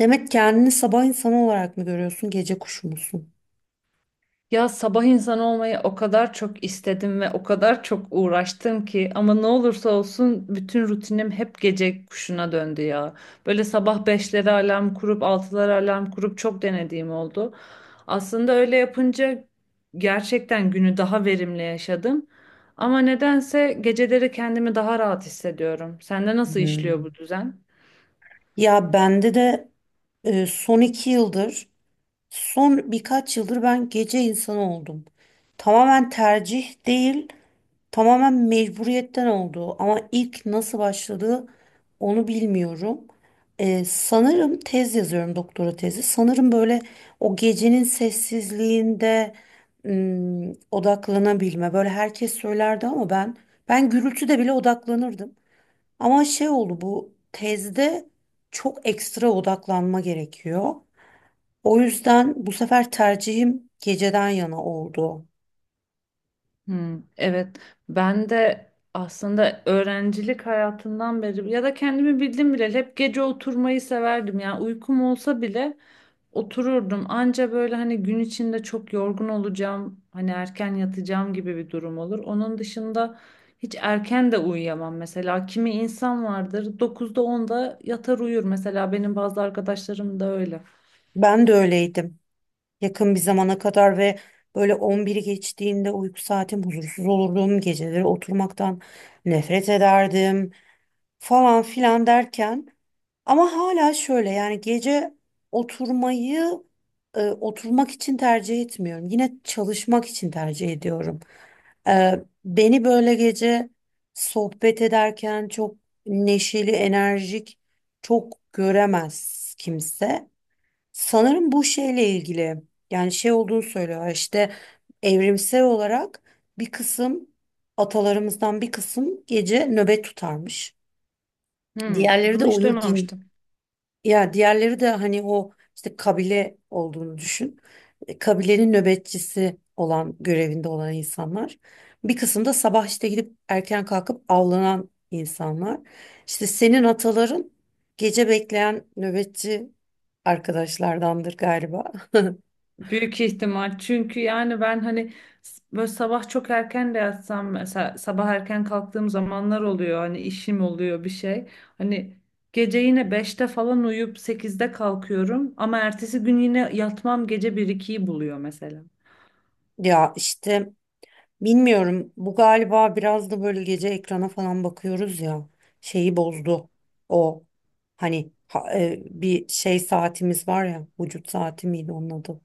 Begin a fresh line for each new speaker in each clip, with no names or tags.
Demek kendini sabah insanı olarak mı görüyorsun, gece kuşu musun?
Ya sabah insanı olmayı o kadar çok istedim ve o kadar çok uğraştım ki ama ne olursa olsun bütün rutinim hep gece kuşuna döndü ya. Böyle sabah 5'lere alarm kurup 6'lara alarm kurup çok denediğim oldu. Aslında öyle yapınca gerçekten günü daha verimli yaşadım. Ama nedense geceleri kendimi daha rahat hissediyorum. Sende nasıl
Hmm.
işliyor bu düzen?
Ya bende de e, son iki yıldır, son birkaç yıldır ben gece insanı oldum. Tamamen tercih değil, tamamen mecburiyetten oldu ama ilk nasıl başladığı onu bilmiyorum. Sanırım tez yazıyorum, doktora tezi. Sanırım böyle o gecenin sessizliğinde odaklanabilme. Böyle herkes söylerdi ama ben gürültüde bile odaklanırdım. Ama şey oldu, bu tezde çok ekstra odaklanma gerekiyor. O yüzden bu sefer tercihim geceden yana oldu.
Hmm, evet, ben de aslında öğrencilik hayatından beri ya da kendimi bildim bile hep gece oturmayı severdim. Yani uykum olsa bile otururdum. Anca böyle hani gün içinde çok yorgun olacağım, hani erken yatacağım gibi bir durum olur. Onun dışında hiç erken de uyuyamam mesela. Kimi insan vardır 9'da onda yatar uyur. Mesela benim bazı arkadaşlarım da öyle.
Ben de öyleydim, yakın bir zamana kadar. Ve böyle 11'i geçtiğinde uyku saatim huzursuz olurdum. Geceleri oturmaktan nefret ederdim falan filan derken, ama hala şöyle, yani gece oturmayı, oturmak için tercih etmiyorum. Yine çalışmak için tercih ediyorum. E, beni böyle gece sohbet ederken çok neşeli, enerjik çok göremez kimse. Sanırım bu şeyle ilgili, yani şey olduğunu söylüyor işte, evrimsel olarak bir kısım atalarımızdan, bir kısım gece nöbet tutarmış.
Hmm,
Diğerleri de
bunu hiç
uyur, din
duymamıştım.
ya diğerleri de hani o işte kabile olduğunu düşün. Kabilenin nöbetçisi olan, görevinde olan insanlar. Bir kısım da sabah işte gidip erken kalkıp avlanan insanlar. İşte senin ataların gece bekleyen nöbetçi arkadaşlardandır galiba.
Büyük ihtimal. Çünkü yani ben hani böyle sabah çok erken de yatsam mesela sabah erken kalktığım zamanlar oluyor. Hani işim oluyor bir şey. Hani gece yine beşte falan uyuyup sekizde kalkıyorum ama ertesi gün yine yatmam gece bir ikiyi buluyor mesela.
Ya işte bilmiyorum. Bu galiba biraz da böyle, gece ekrana falan bakıyoruz ya. Şeyi bozdu. O hani bir şey saatimiz var ya. Vücut saati miydi onun adı?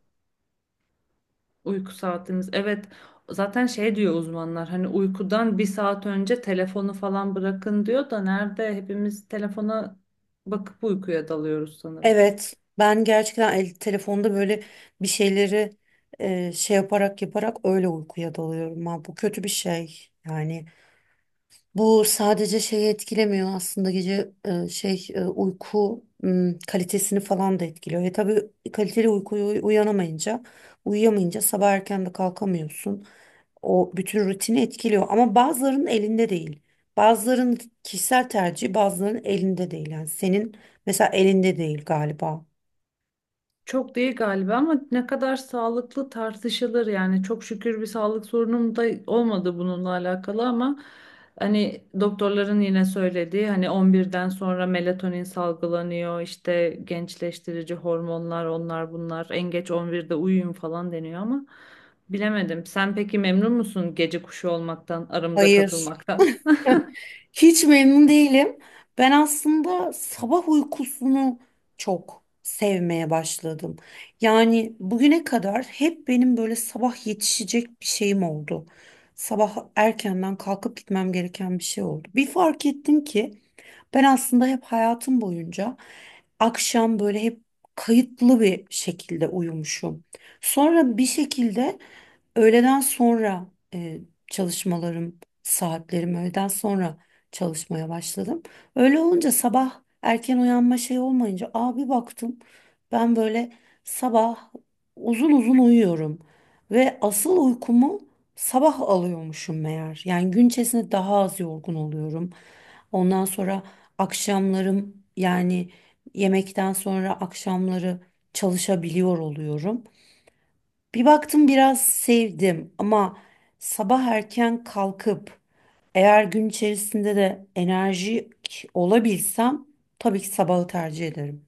Uyku saatimiz. Evet, zaten şey diyor uzmanlar, hani uykudan bir saat önce telefonu falan bırakın diyor da nerede, hepimiz telefona bakıp uykuya dalıyoruz sanırım.
Evet. Ben gerçekten telefonda böyle bir şeyleri şey yaparak yaparak öyle uykuya dalıyorum. Ha, bu kötü bir şey. Yani bu sadece şeyi etkilemiyor aslında, gece şey uyku kalitesini falan da etkiliyor. Tabii kaliteli uykuya uyanamayınca, uyuyamayınca sabah erken de kalkamıyorsun. O bütün rutini etkiliyor ama bazılarının elinde değil. Bazılarının kişisel tercihi, bazılarının elinde değil. Yani senin mesela elinde değil galiba.
Çok değil galiba ama ne kadar sağlıklı tartışılır. Yani çok şükür bir sağlık sorunum da olmadı bununla alakalı ama hani doktorların yine söylediği, hani 11'den sonra melatonin salgılanıyor işte, gençleştirici hormonlar onlar bunlar, en geç 11'de uyuyun falan deniyor ama bilemedim. Sen peki memnun musun gece kuşu olmaktan, aramıza
Hayır.
katılmaktan?
Hiç memnun değilim. Ben aslında sabah uykusunu çok sevmeye başladım. Yani bugüne kadar hep benim böyle sabah yetişecek bir şeyim oldu. Sabah erkenden kalkıp gitmem gereken bir şey oldu. Bir fark ettim ki ben aslında hep hayatım boyunca akşam böyle hep kayıtlı bir şekilde uyumuşum. Sonra bir şekilde öğleden sonra, e, çalışmalarım, saatlerim öğleden sonra çalışmaya başladım. Öyle olunca, sabah erken uyanma şey olmayınca, abi baktım ben böyle sabah uzun uzun uyuyorum ve asıl uykumu sabah alıyormuşum meğer. Yani gün içerisinde daha az yorgun oluyorum. Ondan sonra akşamlarım, yani yemekten sonra akşamları çalışabiliyor oluyorum. Bir baktım biraz sevdim, ama sabah erken kalkıp, eğer gün içerisinde de enerji olabilsem, tabii ki sabahı tercih ederim.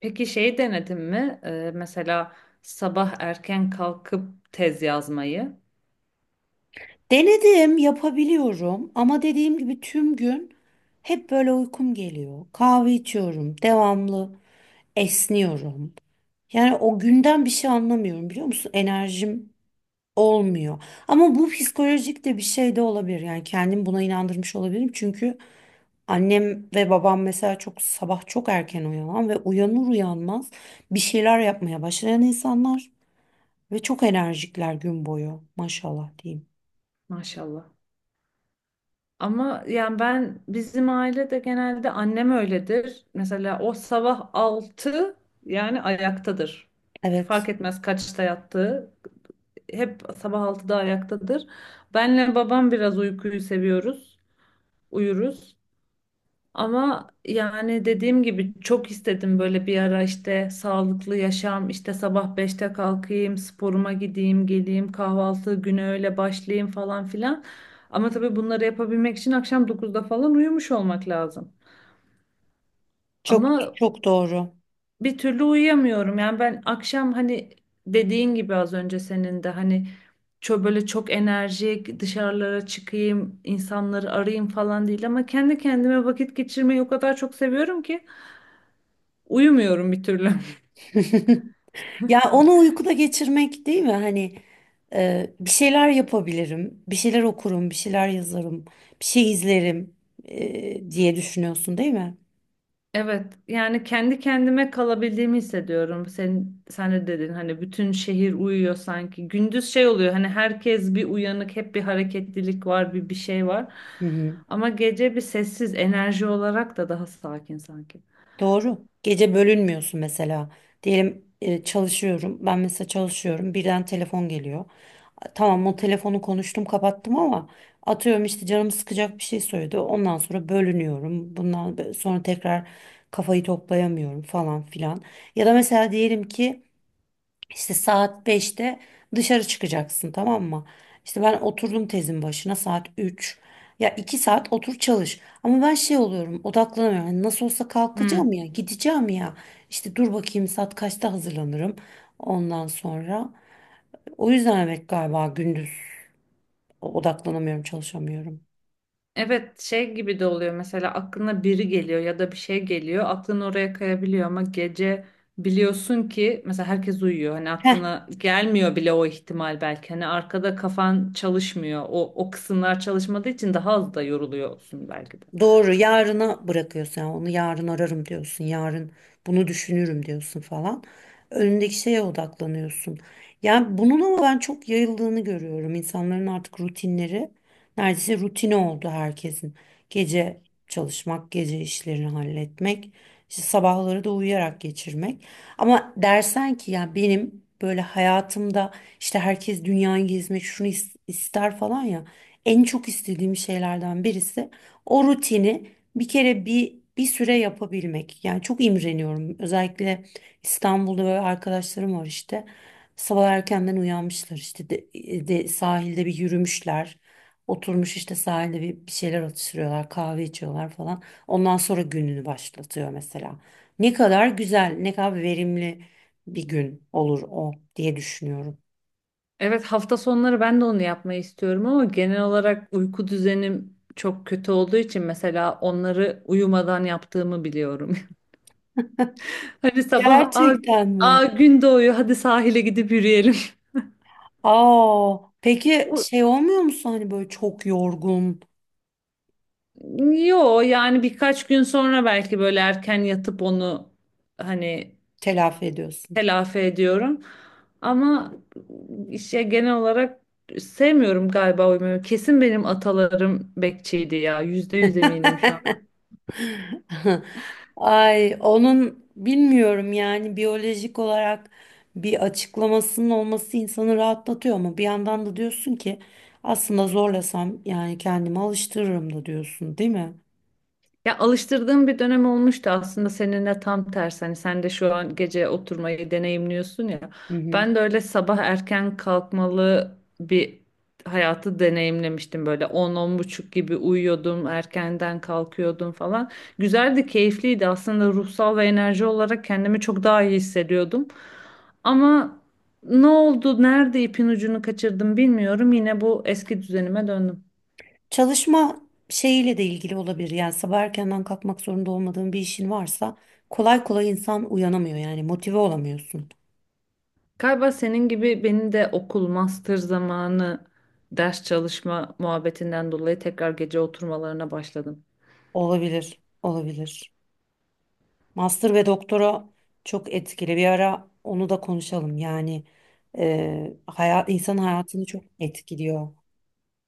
Peki şey denedin mi? Mesela sabah erken kalkıp tez yazmayı
Denedim, yapabiliyorum ama dediğim gibi tüm gün hep böyle uykum geliyor. Kahve içiyorum, devamlı esniyorum. Yani o günden bir şey anlamıyorum, biliyor musun? Enerjim olmuyor. Ama bu psikolojik de bir şey de olabilir. Yani kendim buna inandırmış olabilirim, çünkü annem ve babam mesela çok sabah çok erken uyanan ve uyanır uyanmaz bir şeyler yapmaya başlayan insanlar ve çok enerjikler gün boyu, maşallah diyeyim.
maşallah. Ama yani ben bizim ailede genelde annem öyledir. Mesela o sabah altı, yani ayaktadır.
Evet,
Fark etmez kaçta yattığı. Hep sabah altıda ayaktadır. Benle babam biraz uykuyu seviyoruz. Uyuruz. Ama yani dediğim gibi çok istedim, böyle bir ara işte sağlıklı yaşam, işte sabah beşte kalkayım, sporuma gideyim, geleyim, kahvaltı güne öyle başlayayım falan filan. Ama tabii bunları yapabilmek için akşam dokuzda falan uyumuş olmak lazım.
çok
Ama
çok doğru.
bir türlü uyuyamıyorum. Yani ben akşam hani, dediğin gibi az önce senin de hani, çok böyle çok enerjik dışarılara çıkayım, insanları arayayım falan değil ama kendi kendime vakit geçirmeyi o kadar çok seviyorum ki uyumuyorum bir türlü.
Ya onu uykuda geçirmek değil mi? Hani bir şeyler yapabilirim, bir şeyler okurum, bir şeyler yazarım, bir şey izlerim diye düşünüyorsun değil mi?
Evet, yani kendi kendime kalabildiğimi hissediyorum. Sen de dedin hani bütün şehir uyuyor sanki. Gündüz şey oluyor, hani herkes bir uyanık, hep bir hareketlilik var, bir şey var.
Hı hı.
Ama gece bir sessiz enerji olarak da daha sakin sanki.
Doğru. Gece bölünmüyorsun mesela. Diyelim çalışıyorum. Ben mesela çalışıyorum. Birden telefon geliyor. Tamam, o telefonu konuştum kapattım ama atıyorum, işte canım sıkacak bir şey söyledi. Ondan sonra bölünüyorum. Bundan sonra tekrar kafayı toplayamıyorum falan filan. Ya da mesela diyelim ki işte saat beşte dışarı çıkacaksın, tamam mı? İşte ben oturdum tezin başına saat üç, ya iki saat otur çalış. Ama ben şey oluyorum, odaklanamıyorum. Yani nasıl olsa
Hmm.
kalkacağım ya, gideceğim ya. İşte dur bakayım saat kaçta hazırlanırım ondan sonra. O yüzden evet, galiba gündüz odaklanamıyorum, çalışamıyorum.
Evet, şey gibi de oluyor mesela, aklına biri geliyor ya da bir şey geliyor, aklın oraya kayabiliyor ama gece biliyorsun ki mesela herkes uyuyor, hani aklına gelmiyor bile o ihtimal. Belki hani arkada kafan çalışmıyor, o kısımlar çalışmadığı için daha az da yoruluyorsun belki de.
Doğru, yarına bırakıyorsun yani, onu yarın ararım diyorsun, yarın bunu düşünürüm diyorsun falan, önündeki şeye odaklanıyorsun yani. Bunun ama ben çok yayıldığını görüyorum, insanların artık rutinleri neredeyse rutine oldu herkesin: gece çalışmak, gece işlerini halletmek, işte sabahları da uyuyarak geçirmek. Ama dersen ki ya benim böyle hayatımda, işte herkes dünyayı gezmek şunu ister falan ya, en çok istediğim şeylerden birisi o rutini bir kere bir süre yapabilmek. Yani çok imreniyorum. Özellikle İstanbul'da böyle arkadaşlarım var işte. Sabah erkenden uyanmışlar işte de, sahilde bir yürümüşler. Oturmuş işte sahilde bir şeyler atıştırıyorlar, kahve içiyorlar falan. Ondan sonra gününü başlatıyor mesela. Ne kadar güzel, ne kadar verimli bir gün olur o diye düşünüyorum.
Evet, hafta sonları ben de onu yapmayı istiyorum ama genel olarak uyku düzenim çok kötü olduğu için mesela onları uyumadan yaptığımı biliyorum. Hani sabah aa,
Gerçekten mi?
aa gün doğuyor, hadi sahile gidip yürüyelim.
Aa, peki şey olmuyor musun, hani böyle çok yorgun?
Yo, yani birkaç gün sonra belki böyle erken yatıp onu hani
Telafi ediyorsun.
telafi ediyorum. Ama işte genel olarak sevmiyorum galiba uyumayı. Kesin benim atalarım bekçiydi ya. Yüzde yüz eminim şu.
Ay onun bilmiyorum yani, biyolojik olarak bir açıklamasının olması insanı rahatlatıyor ama bir yandan da diyorsun ki aslında zorlasam yani kendimi alıştırırım da, diyorsun değil mi?
Ya alıştırdığım bir dönem olmuştu aslında, seninle tam tersi. Hani sen de şu an gece oturmayı deneyimliyorsun ya.
Hı hı.
Ben de öyle sabah erken kalkmalı bir hayatı deneyimlemiştim. Böyle 10 buçuk gibi uyuyordum, erkenden kalkıyordum falan. Güzeldi, keyifliydi. Aslında ruhsal ve enerji olarak kendimi çok daha iyi hissediyordum. Ama ne oldu, nerede ipin ucunu kaçırdım bilmiyorum. Yine bu eski düzenime döndüm.
Çalışma şeyiyle de ilgili olabilir yani, sabah erkenden kalkmak zorunda olmadığın bir işin varsa kolay kolay insan uyanamıyor, yani motive olamıyorsun.
Galiba senin gibi benim de okul, master zamanı ders çalışma muhabbetinden dolayı tekrar gece oturmalarına başladım.
Olabilir, olabilir. Master ve doktora çok etkili. Bir ara onu da konuşalım. Yani hayat, insan hayatını çok etkiliyor.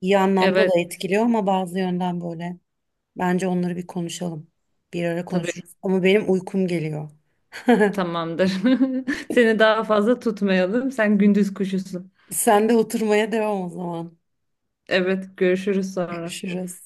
İyi anlamda da
Evet,
etkiliyor ama bazı yönden böyle. Bence onları bir konuşalım. Bir ara
tabii,
konuşuruz. Ama benim uykum geliyor.
tamamdır. Seni daha fazla tutmayalım. Sen gündüz kuşusun.
Sen de oturmaya devam o zaman.
Evet, görüşürüz sonra.
Görüşürüz.